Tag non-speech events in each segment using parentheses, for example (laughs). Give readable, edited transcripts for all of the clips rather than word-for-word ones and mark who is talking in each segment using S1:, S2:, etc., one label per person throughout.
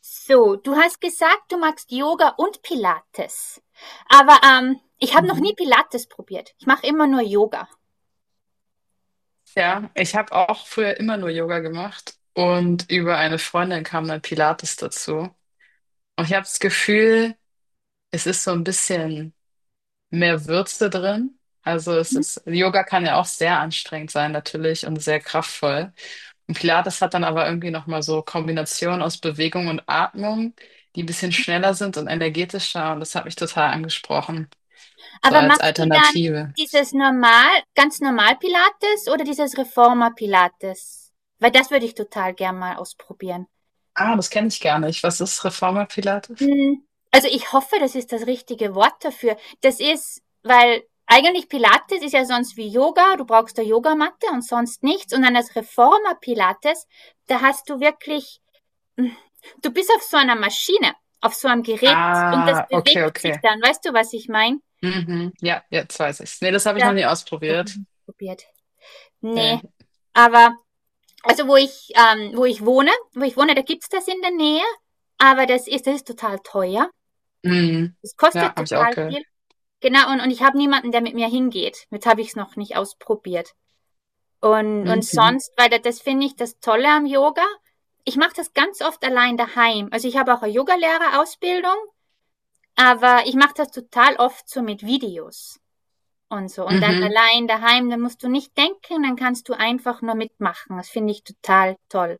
S1: So, du hast gesagt, du magst Yoga und Pilates. Aber ich habe noch nie
S2: Mhm.
S1: Pilates probiert. Ich mache immer nur Yoga.
S2: Ja, ich habe auch früher immer nur Yoga gemacht und über eine Freundin kam dann Pilates dazu. Und ich habe das Gefühl, es ist so ein bisschen mehr Würze drin. Also es
S1: Hm?
S2: ist, Yoga kann ja auch sehr anstrengend sein natürlich und sehr kraftvoll. Und Pilates hat dann aber irgendwie nochmal so Kombinationen aus Bewegung und Atmung, die ein bisschen schneller sind und energetischer und das hat mich total angesprochen, so
S1: Aber
S2: als
S1: machst du dann
S2: Alternative.
S1: dieses normal, ganz normal Pilates oder dieses Reformer Pilates? Weil das würde ich total gern mal ausprobieren.
S2: Ah, das kenne ich gar nicht. Was ist Reformer Pilates?
S1: Also ich hoffe, das ist das richtige Wort dafür. Das ist, weil eigentlich Pilates ist ja sonst wie Yoga, du brauchst eine Yogamatte und sonst nichts. Und dann das Reformer Pilates, da hast du wirklich. Du bist auf so einer Maschine, auf so einem Gerät, und das
S2: Ah, okay,
S1: bewegt sich
S2: okay.
S1: dann. Weißt du, was ich meine?
S2: Mhm. Ja, jetzt weiß ich's. Nee, das habe ich noch
S1: Das
S2: nie
S1: doch noch
S2: ausprobiert.
S1: nicht probiert. Nee,
S2: Nee.
S1: aber also wo ich wo ich wohne, da gibt's das in der Nähe, aber das ist total teuer.
S2: Mhm.
S1: Das
S2: Ja,
S1: kostet
S2: habe ich auch
S1: total
S2: gehört.
S1: viel. Genau, und ich habe niemanden, der mit mir hingeht. Jetzt habe ich es noch nicht ausprobiert. Und
S2: Mhm.
S1: sonst, weil das finde ich das Tolle am Yoga. Ich mache das ganz oft allein daheim. Also ich habe auch eine Yogalehrerausbildung. Aber ich mache das total oft so mit Videos und so. Und dann
S2: Mhm.
S1: allein daheim, dann musst du nicht denken, dann kannst du einfach nur mitmachen. Das finde ich total toll.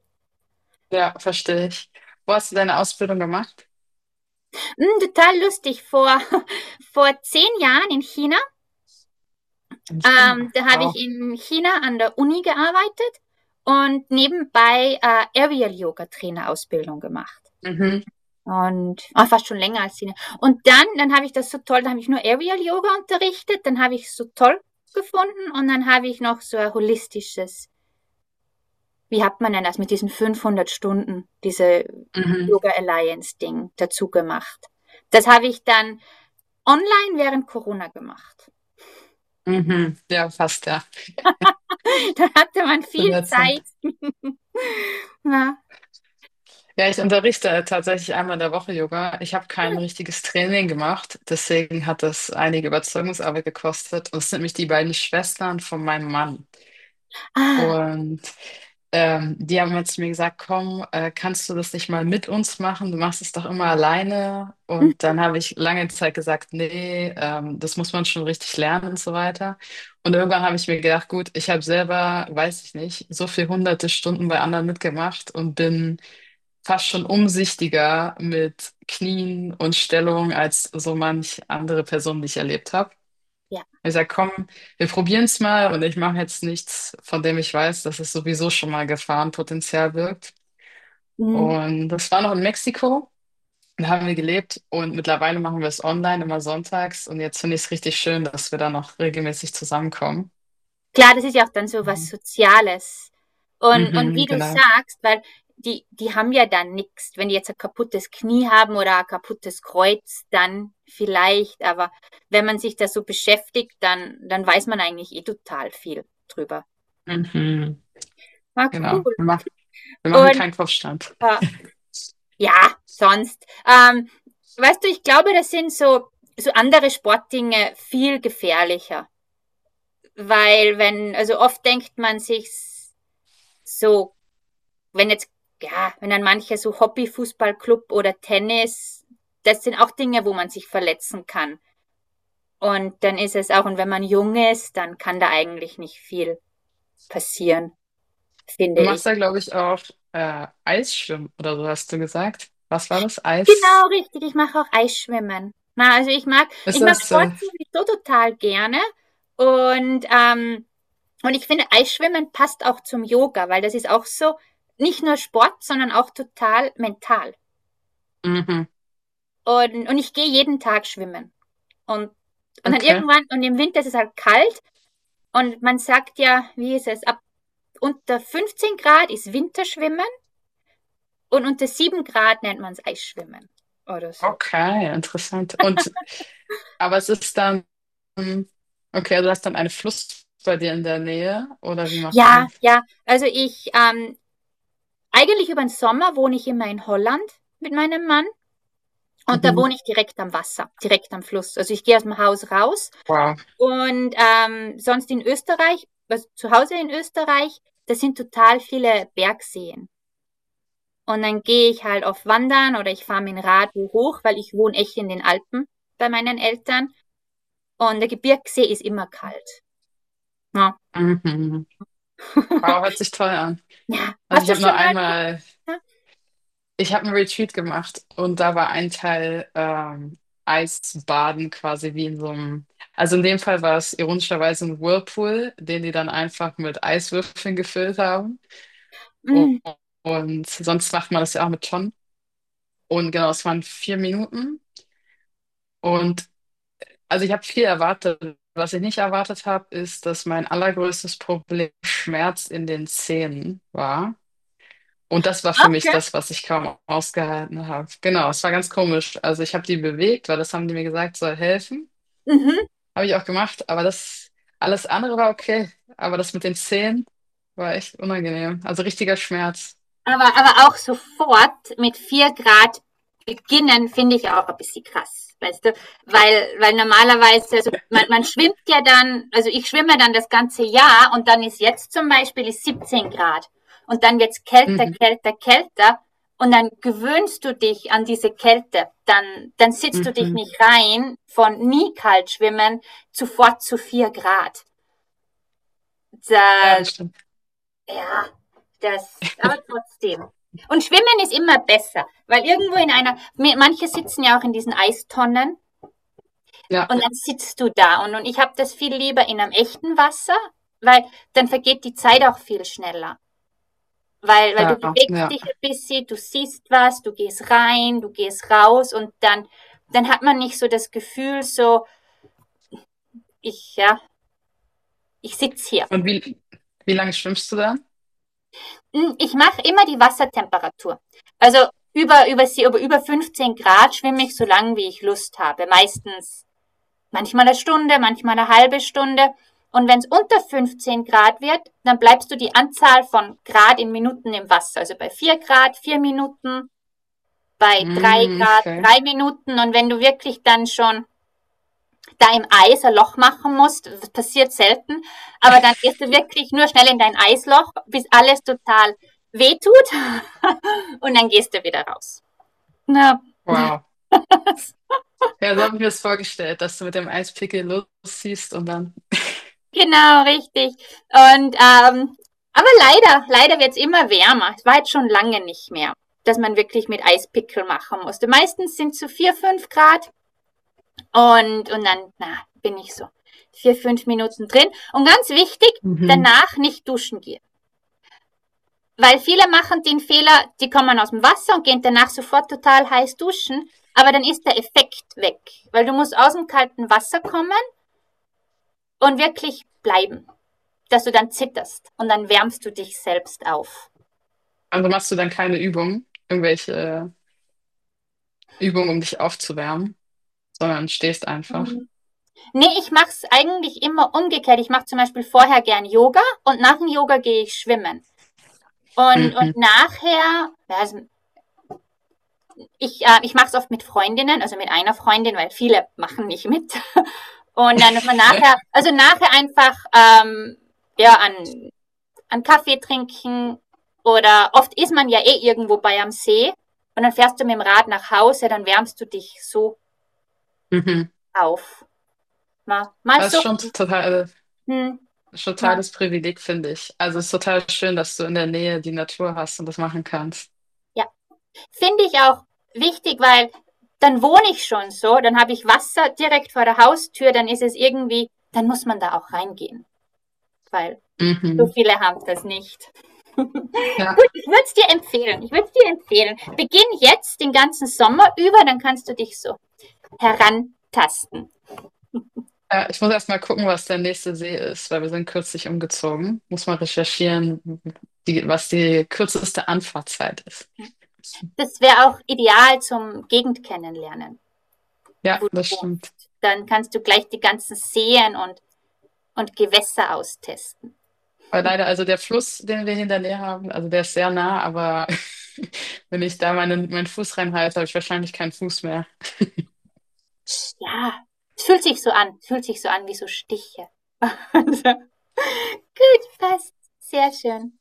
S2: Ja, verstehe ich. Wo hast du deine Ausbildung gemacht?
S1: Total lustig. (laughs) Vor 10 Jahren in China,
S2: In China.
S1: da habe ich
S2: Wow.
S1: in China an der Uni gearbeitet und nebenbei Aerial Yoga Trainer Ausbildung gemacht.
S2: Mhm.
S1: Und fast schon länger als Sina. Und dann habe ich das so toll, dann habe ich nur Aerial Yoga unterrichtet, dann habe ich es so toll gefunden, und dann habe ich noch so ein holistisches, wie hat man denn das mit diesen 500 Stunden, diese
S2: Mhm.
S1: Yoga Alliance Ding dazu gemacht. Das habe ich dann online während Corona gemacht.
S2: Mhm. Ja, fast, ja.
S1: (laughs) Da hatte man
S2: Zu
S1: viel
S2: der Zeit.
S1: Zeit. Ja.
S2: Ja, ich unterrichte tatsächlich einmal in der Woche Yoga. Ich habe kein richtiges Training gemacht, deswegen hat das einige Überzeugungsarbeit gekostet. Und es sind nämlich die beiden Schwestern von meinem Mann.
S1: Ah,
S2: Und die haben jetzt mir gesagt, komm, kannst du das nicht mal mit uns machen? Du machst es doch immer alleine. Und dann habe ich lange Zeit gesagt, nee, das muss man schon richtig lernen und so weiter. Und irgendwann habe ich mir gedacht, gut, ich habe selber, weiß ich nicht, so viel hunderte Stunden bei anderen mitgemacht und bin fast schon umsichtiger mit Knien und Stellung als so manch andere Person, die ich erlebt habe.
S1: ja.
S2: Ich sage, komm, wir probieren es mal und ich mache jetzt nichts, von dem ich weiß, dass es sowieso schon mal Gefahrenpotenzial birgt.
S1: Mhm.
S2: Und das war noch in Mexiko, da haben wir gelebt und mittlerweile machen wir es online immer sonntags und jetzt finde ich es richtig schön, dass wir da noch regelmäßig zusammenkommen.
S1: Klar, das ist ja auch dann so was
S2: Mhm.
S1: Soziales. Und
S2: Mhm,
S1: wie du
S2: genau.
S1: sagst, weil die haben ja dann nichts. Wenn die jetzt ein kaputtes Knie haben oder ein kaputtes Kreuz, dann vielleicht, aber wenn man sich da so beschäftigt, dann weiß man eigentlich eh total viel drüber.
S2: Mhm,
S1: Ah, cool.
S2: genau. Wir machen
S1: Und
S2: keinen Kopfstand.
S1: äh ja, sonst, weißt du, ich glaube, das sind so andere Sportdinge viel gefährlicher, weil wenn, also oft denkt man sich so, wenn jetzt, ja, wenn dann manche so Hobby-Fußballclub oder Tennis, das sind auch Dinge, wo man sich verletzen kann. Und dann ist es auch, und wenn man jung ist, dann kann da eigentlich nicht viel passieren, finde
S2: Du
S1: ich.
S2: machst da, glaube ich, auch Eisschwimmen oder so, hast du gesagt. Was war das?
S1: Genau,
S2: Eis?
S1: richtig. Ich mache auch Eisschwimmen. Na, also ich mag,
S2: Ist
S1: ich mag
S2: das?
S1: Sport sowieso total gerne. Und, ähm, und ich finde, Eisschwimmen passt auch zum Yoga, weil das ist auch so, nicht nur Sport, sondern auch total mental.
S2: Mhm,
S1: Und ich gehe jeden Tag schwimmen. Und, und dann
S2: okay.
S1: irgendwann, und im Winter ist es halt kalt, und man sagt ja, wie ist es, ab unter 15 Grad ist Winterschwimmen und unter 7 Grad nennt man es Eisschwimmen oder so.
S2: Okay, interessant. Und aber es ist dann, okay, also du hast dann einen Fluss bei dir in der Nähe, oder wie machst du
S1: Ja,
S2: das?
S1: ja, also ich, eigentlich über den Sommer wohne ich immer in Holland mit meinem Mann, und da
S2: Mhm.
S1: wohne ich direkt am Wasser, direkt am Fluss. Also ich gehe aus dem Haus raus
S2: Wow.
S1: und sonst in Österreich, also zu Hause in Österreich, das sind total viele Bergseen. Und dann gehe ich halt auf Wandern oder ich fahre mit dem Rad hoch, weil ich wohne echt in den Alpen bei meinen Eltern. Und der Gebirgsee ist immer kalt. Ja.
S2: Mhm. Wow,
S1: (laughs)
S2: hört sich toll an.
S1: Ja.
S2: Also
S1: Hast
S2: ich
S1: du
S2: habe nur
S1: schon mal geguckt?
S2: einmal,
S1: Ja.
S2: ich habe einen Retreat gemacht und da war ein Teil Eisbaden quasi wie in so einem, also in dem Fall war es ironischerweise ein Whirlpool, den die dann einfach mit Eiswürfeln gefüllt haben. Und,
S1: Mhm.
S2: und sonst macht man das ja auch mit Tonnen. Und genau, es waren 4 Minuten und also ich habe viel erwartet. Was ich nicht erwartet habe, ist, dass mein allergrößtes Problem Schmerz in den Zähnen war. Und das war für mich
S1: Okay.
S2: das, was ich kaum ausgehalten habe. Genau, es war ganz komisch. Also ich habe die bewegt, weil das haben die mir gesagt, soll helfen.
S1: Mhm.
S2: Habe ich auch gemacht, aber das alles andere war okay. Aber das mit den Zähnen war echt unangenehm. Also richtiger Schmerz.
S1: Aber auch sofort mit 4 Grad beginnen, finde ich auch ein bisschen krass, weißt du? Weil normalerweise, also man schwimmt ja dann, also ich schwimme dann das ganze Jahr, und dann ist jetzt zum Beispiel ist 17 Grad, und dann wird's kälter,
S2: Mhm,
S1: kälter, kälter, und dann gewöhnst du dich an diese Kälte. Dann sitzt du dich
S2: mhm.
S1: nicht rein, von nie kalt schwimmen sofort zu 4 Grad.
S2: Ja,
S1: Da,
S2: das stimmt.
S1: ja, das, aber trotzdem. Und Schwimmen ist immer besser, weil irgendwo in einer, manche sitzen ja auch in diesen Eistonnen und
S2: Ja,
S1: dann sitzt du da. Und ich habe das viel lieber in einem echten Wasser, weil dann vergeht die Zeit auch viel schneller. Weil du
S2: klar,
S1: bewegst
S2: ja.
S1: dich ein bisschen, du siehst was, du gehst rein, du gehst raus, und dann hat man nicht so das Gefühl, so, ich, ja, ich sitz hier.
S2: Und wie lange schwimmst du dann?
S1: Ich mache immer die Wassertemperatur. Also über 15 Grad schwimme ich so lange, wie ich Lust habe. Meistens, manchmal eine Stunde, manchmal eine halbe Stunde. Und wenn es unter 15 Grad wird, dann bleibst du die Anzahl von Grad in Minuten im Wasser. Also bei 4 Grad, 4 Minuten, bei 3
S2: Mm,
S1: Grad,
S2: okay.
S1: 3 Minuten. Und wenn du wirklich dann schon da im Eis ein Loch machen musst. Das passiert selten. Aber dann gehst du wirklich nur schnell in dein Eisloch, bis alles total wehtut. (laughs) Und dann gehst du wieder raus. Ja,
S2: Wow. Ja, so habe ich mir das vorgestellt, dass du mit dem Eispickel losziehst und dann.
S1: genau, richtig. Und, aber leider, leider wird es immer wärmer. Es war jetzt schon lange nicht mehr, dass man wirklich mit Eispickel machen musste. Meistens sind es so 4, 5 Grad, und dann, na, bin ich so 4, 5 Minuten drin. Und ganz wichtig,
S2: Mhm.
S1: danach nicht duschen gehen. Weil viele machen den Fehler, die kommen aus dem Wasser und gehen danach sofort total heiß duschen, aber dann ist der Effekt weg, weil du musst aus dem kalten Wasser kommen und wirklich bleiben, dass du dann zitterst und dann wärmst du dich selbst auf.
S2: Also machst du dann keine Übung, irgendwelche Übungen, um dich aufzuwärmen, sondern stehst einfach.
S1: Mhm. Nee, ich mache es eigentlich immer umgekehrt. Ich mache zum Beispiel vorher gern Yoga und nach dem Yoga gehe ich schwimmen. Und,
S2: Mhm.
S1: und nachher, ja, also ich mache es oft mit Freundinnen, also mit einer Freundin, weil viele machen nicht mit. (laughs) Und dann wenn man nachher,
S2: (laughs)
S1: also nachher einfach ja, an Kaffee trinken, oder oft ist man ja eh irgendwo bei am See, und dann fährst du mit dem Rad nach Hause, dann wärmst du dich so
S2: Mhm.
S1: auf. Mal, mal
S2: Das ist
S1: so,
S2: schon total,
S1: hm, mal,
S2: totales Privileg, finde ich. Also es ist total schön, dass du in der Nähe die Natur hast und das machen kannst.
S1: ja. Finde ich auch wichtig, weil dann wohne ich schon so, dann habe ich Wasser direkt vor der Haustür, dann ist es irgendwie, dann muss man da auch reingehen, weil so
S2: Mhm.
S1: viele haben das nicht.
S2: Ja,
S1: Gut, ich würde es dir empfehlen. Ich würde es dir empfehlen. Beginn jetzt den ganzen Sommer über, dann kannst du dich so herantasten.
S2: ja, ich muss erst mal gucken, was der nächste See ist, weil wir sind kürzlich umgezogen. Muss mal recherchieren, die, was die kürzeste Anfahrtzeit ist.
S1: Das wäre auch ideal zum Gegend kennenlernen,
S2: Ja,
S1: wo du
S2: das stimmt.
S1: wohnst. Dann kannst du gleich die ganzen Seen und, Gewässer austesten.
S2: Weil leider, also der Fluss, den wir hinter mir haben, also der ist sehr nah, aber (laughs) wenn ich da meinen Fuß reinhalte, habe ich wahrscheinlich keinen Fuß mehr.
S1: Ja, es fühlt sich so an. Es fühlt sich so an wie so Stiche. (laughs) Gut, passt. Sehr schön.